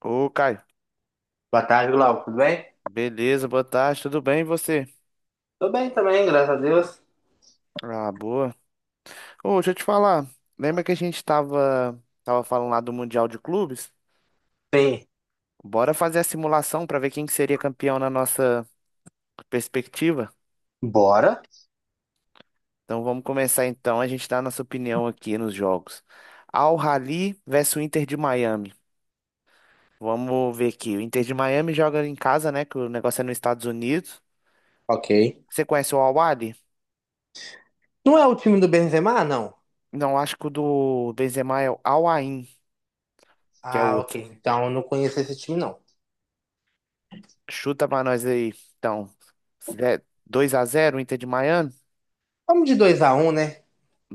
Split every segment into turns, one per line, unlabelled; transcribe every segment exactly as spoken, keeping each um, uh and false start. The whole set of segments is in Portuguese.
Ô, Caio.
Boa tarde, Glauco. Tudo bem?
Beleza, boa tarde, tudo bem e você?
Tô bem também, graças a Deus.
Ah, boa. Ô, deixa eu te falar. Lembra que a gente tava, tava falando lá do Mundial de Clubes?
Sim,
Bora fazer a simulação pra ver quem que seria campeão na nossa perspectiva?
bora.
Então vamos começar então, a gente dá a nossa opinião aqui nos jogos. Al Ahly versus o Inter de Miami. Vamos ver aqui. O Inter de Miami joga em casa, né? Que o negócio é nos Estados Unidos.
Ok.
Você conhece o Al Ahly?
Não é o time do Benzema, não?
Não, acho que o do Benzema é o Al Ain, que é
Ah, ok.
outro.
Então eu não conheço esse time, não.
Chuta pra nós aí. Então, dois a zero Inter de Miami?
Vamos de dois a um, né?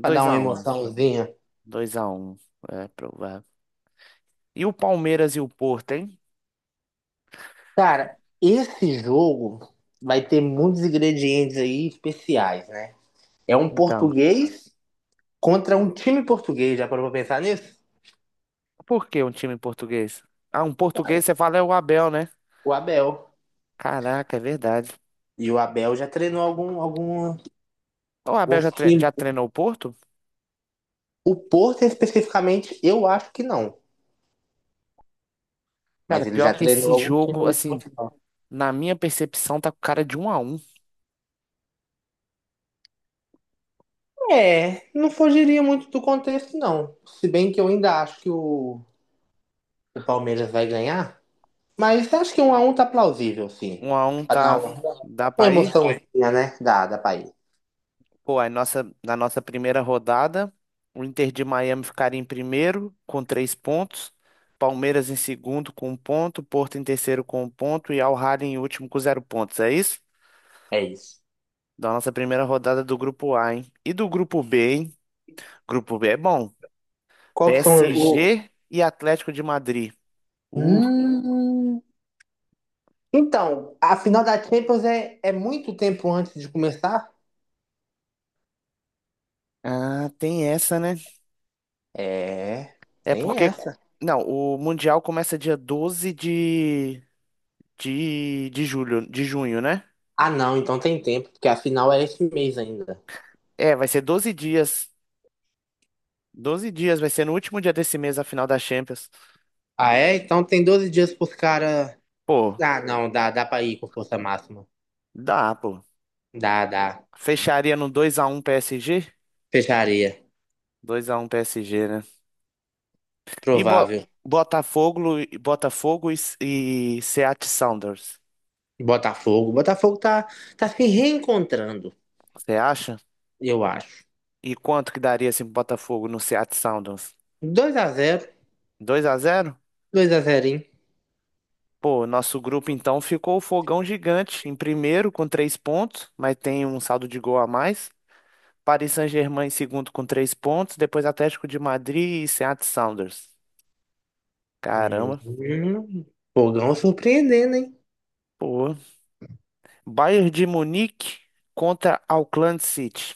Pra dar uma
a um.
emoçãozinha.
dois a um. É provável. E o Palmeiras e o Porto, hein?
Cara, esse jogo vai ter muitos ingredientes aí especiais, né? É um
Então,
português contra um time português. Já parou pra pensar nisso?
por que um time português? Ah, um português,
Vai.
você fala é o Abel, né?
O Abel.
Caraca, é verdade.
E o Abel já treinou algum, algum,
O Abel
alguns
já, tre-
times.
já treinou o Porto?
O Porto, especificamente, eu acho que não.
Cara,
Mas ele
pior
já
que esse
treinou algum
jogo,
time de
assim,
Portugal.
na minha percepção, tá com cara de um a um.
É, não fugiria muito do contexto, não. Se bem que eu ainda acho que o, o Palmeiras vai ganhar. Mas acho que um a um tá plausível, sim.
um a um
Pra dar
tá.
uma,
Dá
uma
pra ir?
emoçãozinha, né? Da, da país.
Pô, aí nossa, na nossa primeira rodada, o Inter de Miami ficaria em primeiro com três pontos, Palmeiras em segundo com um ponto, Porto em terceiro com um ponto e Al Ahly em último com zero pontos. É isso?
É isso.
Da nossa primeira rodada do grupo A, hein? E do grupo B, hein? Grupo B é bom.
Qual que são o.
P S G e Atlético de Madrid. Uh,
Hum... Então, a final da Champions é, é muito tempo antes de começar?
ah, tem essa, né?
É,
É
tem
porque.
essa.
Não, o Mundial começa dia doze de, de, de julho, de junho, né?
Ah, não, então tem tempo, porque a final é esse mês ainda.
É, vai ser doze dias. Doze dias, vai ser no último dia desse mês a final da Champions.
Ah, é? Então tem doze dias pros caras.
Pô,
Ah, não, dá, dá pra ir com força máxima.
dá, pô.
Dá, dá.
Fecharia no dois a um P S G?
Fecharia.
dois a um P S G, né? E Bo-
Provável.
Botafogo, Botafogo e, e Seattle Sounders.
Botafogo. Botafogo tá, tá se reencontrando,
Você acha?
eu acho.
E quanto que daria esse Botafogo no Seattle Sounders?
Dois a zero,
Dois a zero.
dois a zero, hein?
Pô, nosso grupo então ficou o Fogão Gigante em primeiro com três pontos, mas tem um saldo de gol a mais. Paris Saint-Germain em segundo com três pontos, depois Atlético de Madrid e Seattle Sounders. Caramba.
Hum, Fogão surpreendendo, hein?
Pô, Bayern de Munique contra Auckland City.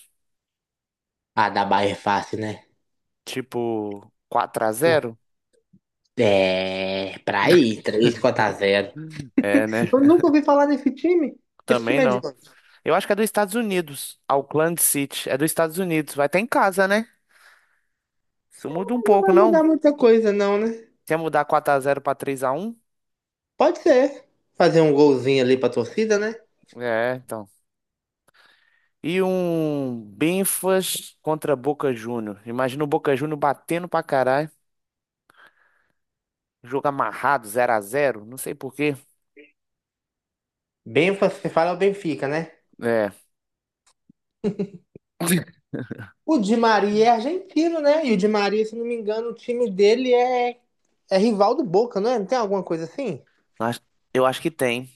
Ah, da Bahia é fácil, né?
Tipo, quatro a zero.
É, pra ir, três quatro a zero.
É, né?
Eu nunca ouvi falar nesse time. Esse
Também
time é de
não.
onde?
Eu acho que é dos Estados Unidos. Auckland City. É dos Estados Unidos. Vai estar em casa, né? Isso muda um
Não
pouco,
vai
não?
mudar muita coisa, não, né?
Se ia mudar quatro a zero pra três a um?
Pode ser. Fazer um golzinho ali pra torcida, né?
É, então. E um Benfas contra Boca Júnior. Imagina o Boca Júnior batendo pra caralho. Jogo amarrado, zero a zero. Não sei por quê.
Bem, você fala é o Benfica, né?
É.
O Di Maria é argentino, né? E o Di Maria, se não me engano, o time dele é, é rival do Boca, não é? Não tem alguma coisa assim?
Acho- Eu acho que tem.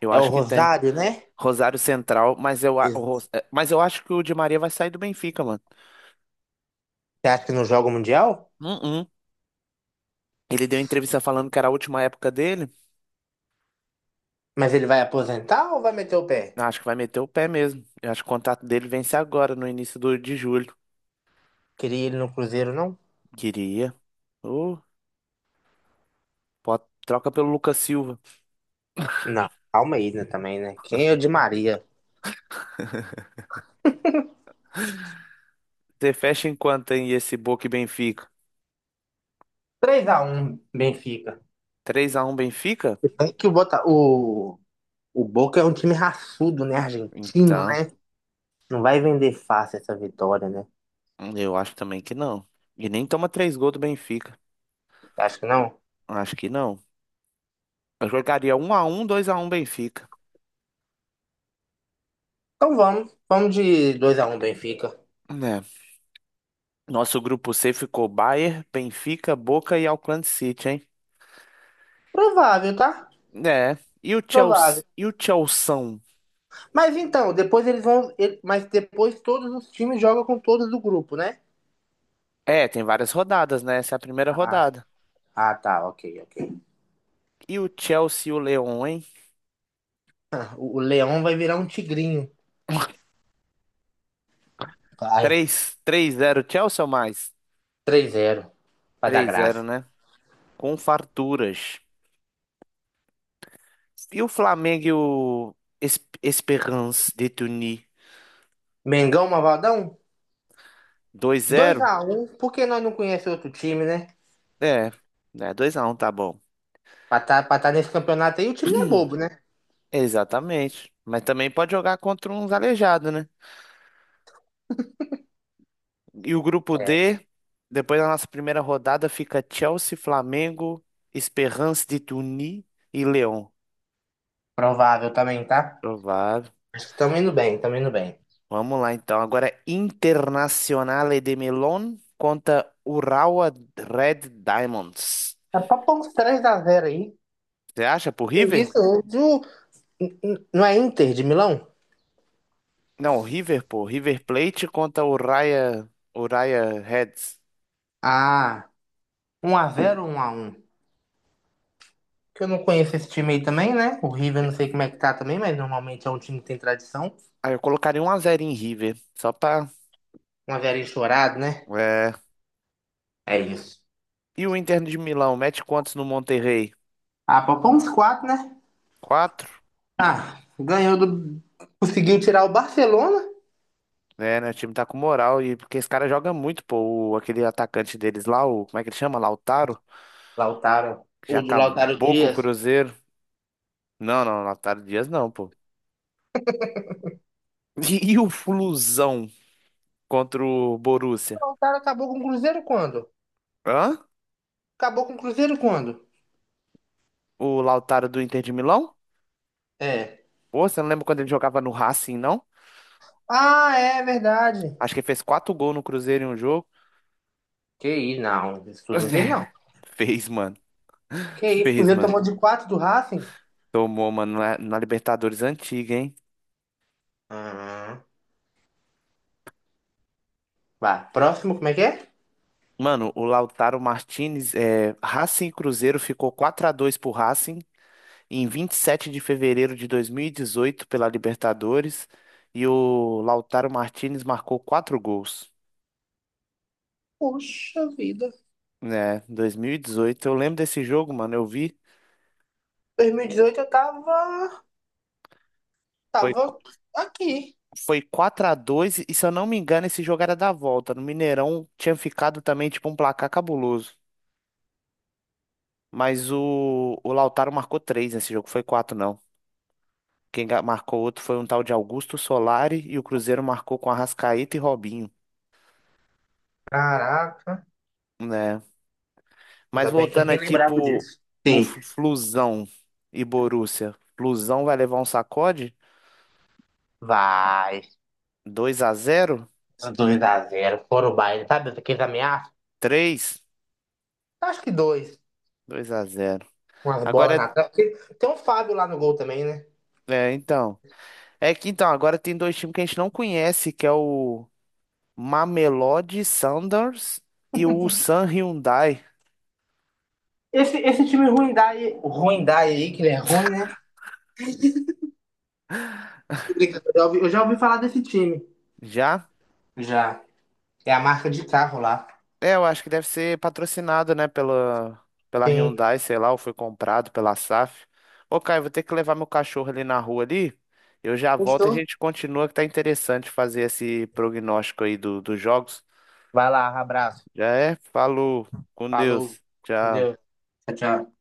Eu
É o
acho que tem.
Rosário, né?
Rosário Central, mas eu,
E
a- o
você
Ros- eh, mas eu acho que o Di Maria vai sair do Benfica, mano.
acha que não joga o Mundial?
Hum, hum. Ele deu entrevista falando que era a última época dele.
Mas ele vai aposentar ou vai meter o pé?
Eu acho que vai meter o pé mesmo. Eu acho que o contrato dele vence agora, no início do, de julho.
Queria ele no Cruzeiro, não?
Queria. Ô, pode- troca pelo Lucas Silva.
Não, calma aí, né, também, né? Quem é o Di Maria?
Você fecha em quanto, hein, esse Boca e Benfica?
Três a um. Benfica.
Três a um Benfica?
É que o, Bota... o... o Boca é um time raçudo, né? Argentino,
Então,
né? Não vai vender fácil essa vitória, né?
eu acho também que não. E nem toma três gols do Benfica.
Acho que não.
Acho que não. Eu jogaria um a um, dois a um Benfica.
Então vamos. Vamos de dois a um Benfica.
Né? Nosso grupo C ficou Bayern, Benfica, Boca e Auckland City, hein?
Provável, tá?
É. E o Chelsea,
Provável.
e o Chelsea?
Mas então, depois eles vão. Ele- mas depois todos os times jogam com todos do grupo, né?
É, tem várias rodadas, né? Essa é a primeira
Ah,
rodada.
ah tá, ok, ok.
E o Chelsea e o Leão, hein?
O, o Leão vai virar um tigrinho. Vai.
Três, três zero, Chelsea ou mais?
Três a zero. Vai dar
Três zero,
graça.
né? Com farturas. E o Flamengo e o Es- Esperance de Tunis?
Mengão, Mavaldão?
Dois
Dois
zero?
a um, porque nós não conhecemos outro time, né?
É, né? Dois a um, tá bom.
Pra tá, pra tá nesse campeonato aí, o time não é bobo, né?
Exatamente. Mas também pode jogar contra uns aleijados, né? E o grupo
É,
D, depois da nossa primeira rodada, fica Chelsea, Flamengo, Esperance de Tunis e Lyon.
provável também, tá?
Provável.
Acho que tamo indo bem, tamo indo bem.
Vamos lá então. Agora Internazionale de Melon contra Urawa Red Diamonds.
Tá pra pôr uns três a zero aí.
Você acha pro River?
Isso, hoje o- n- n- não é Inter de Milão?
Não, River, pô. River Plate contra Urawa Urawa Reds.
Ah, um a zero ou um a um? Que eu não conheço esse time aí também, né? O River não sei como é que tá também, mas normalmente é um time que tem tradição.
Ah, eu colocaria um a zero em River, só pra.
Um a zero enchorado, né?
É.
É isso.
E o Inter de Milão, mete quantos no Monterrey?
Ah, poupou quatro, né?
Quatro?
Ah, ganhou do. Conseguiu tirar o Barcelona.
É, né? O time tá com moral e porque esse cara joga muito, pô. O- aquele atacante deles lá, o, como é que ele chama? Lautaro,
Lautaro.
que já
O de Lautaro
acabou com o
Dias. O
Cruzeiro. Não, não, Lautaro Dias não, pô. E, e o Flusão contra o Borussia?
Lautaro acabou com o Cruzeiro quando?
Hã?
Acabou com o Cruzeiro quando?
O Lautaro do Inter de Milão?
É.
Pô, você não lembra quando ele jogava no Racing, não?
Ah, é verdade.
Acho que ele fez quatro gols no Cruzeiro em um jogo.
Que isso, não. Isso tudo não fez, não.
Fez, mano.
Que isso, o
Fez,
Cruzeiro
mano.
tomou de quatro do Racing?
Tomou, mano, na, na Libertadores antiga, hein?
Ah, vai. Próximo, como é que é?
Mano, o Lautaro Martinez, é, Racing e Cruzeiro ficou quatro a dois pro Racing em vinte e sete de fevereiro de dois mil e dezoito pela Libertadores e o Lautaro Martinez marcou quatro gols,
Poxa vida.
né? Dois mil e dezoito. Eu lembro desse jogo, mano, eu vi.
dois mil e dezoito eu tava,
Foi,
tava aqui.
foi quatro a dois e se eu não me engano esse jogo era da volta. No Mineirão tinha ficado também tipo um placar cabuloso. Mas o, o Lautaro marcou três nesse jogo, foi quatro não. Quem ga- marcou outro foi um tal de Augusto Solari e o Cruzeiro marcou com Arrascaeta e Robinho,
Caraca,
né? Mas
ainda bem que eu
voltando
nem
aqui
lembrava
pro,
disso.
pro
Sim,
Flu- Flusão e Borussia. Flusão vai levar um sacode?
vai.
Dois a zero,
Dois a zero, foram o baile, sabe? Aqueles ameaças?
três,
Acho que dois.
dois a zero.
Umas bolas na
Agora
trave. Porque tem um Fábio lá no gol também, né?
é, é, então, é que então agora tem dois times que a gente não conhece, que é o Mamelodi Sundowns e o Ulsan Hyundai.
Esse, esse time ruim Dai, ruim Dai aí, que ele é ruim, né? Tô brincando. Eu já, ouvi, eu já ouvi falar desse time.
Já?
Já. É a marca de carro lá.
É, eu acho que deve ser patrocinado, né, pela, pela
Sim.
Hyundai, sei lá, ou foi comprado pela safe. Ô, Caio, vou ter que levar meu cachorro ali na rua ali. Eu já volto e a
Fechou?
gente continua, que tá interessante fazer esse prognóstico aí do, dos jogos.
Vai lá, abraço.
Já é? Falou, com
Falou.
Deus. Tchau.
Deus. Tchau, tchau.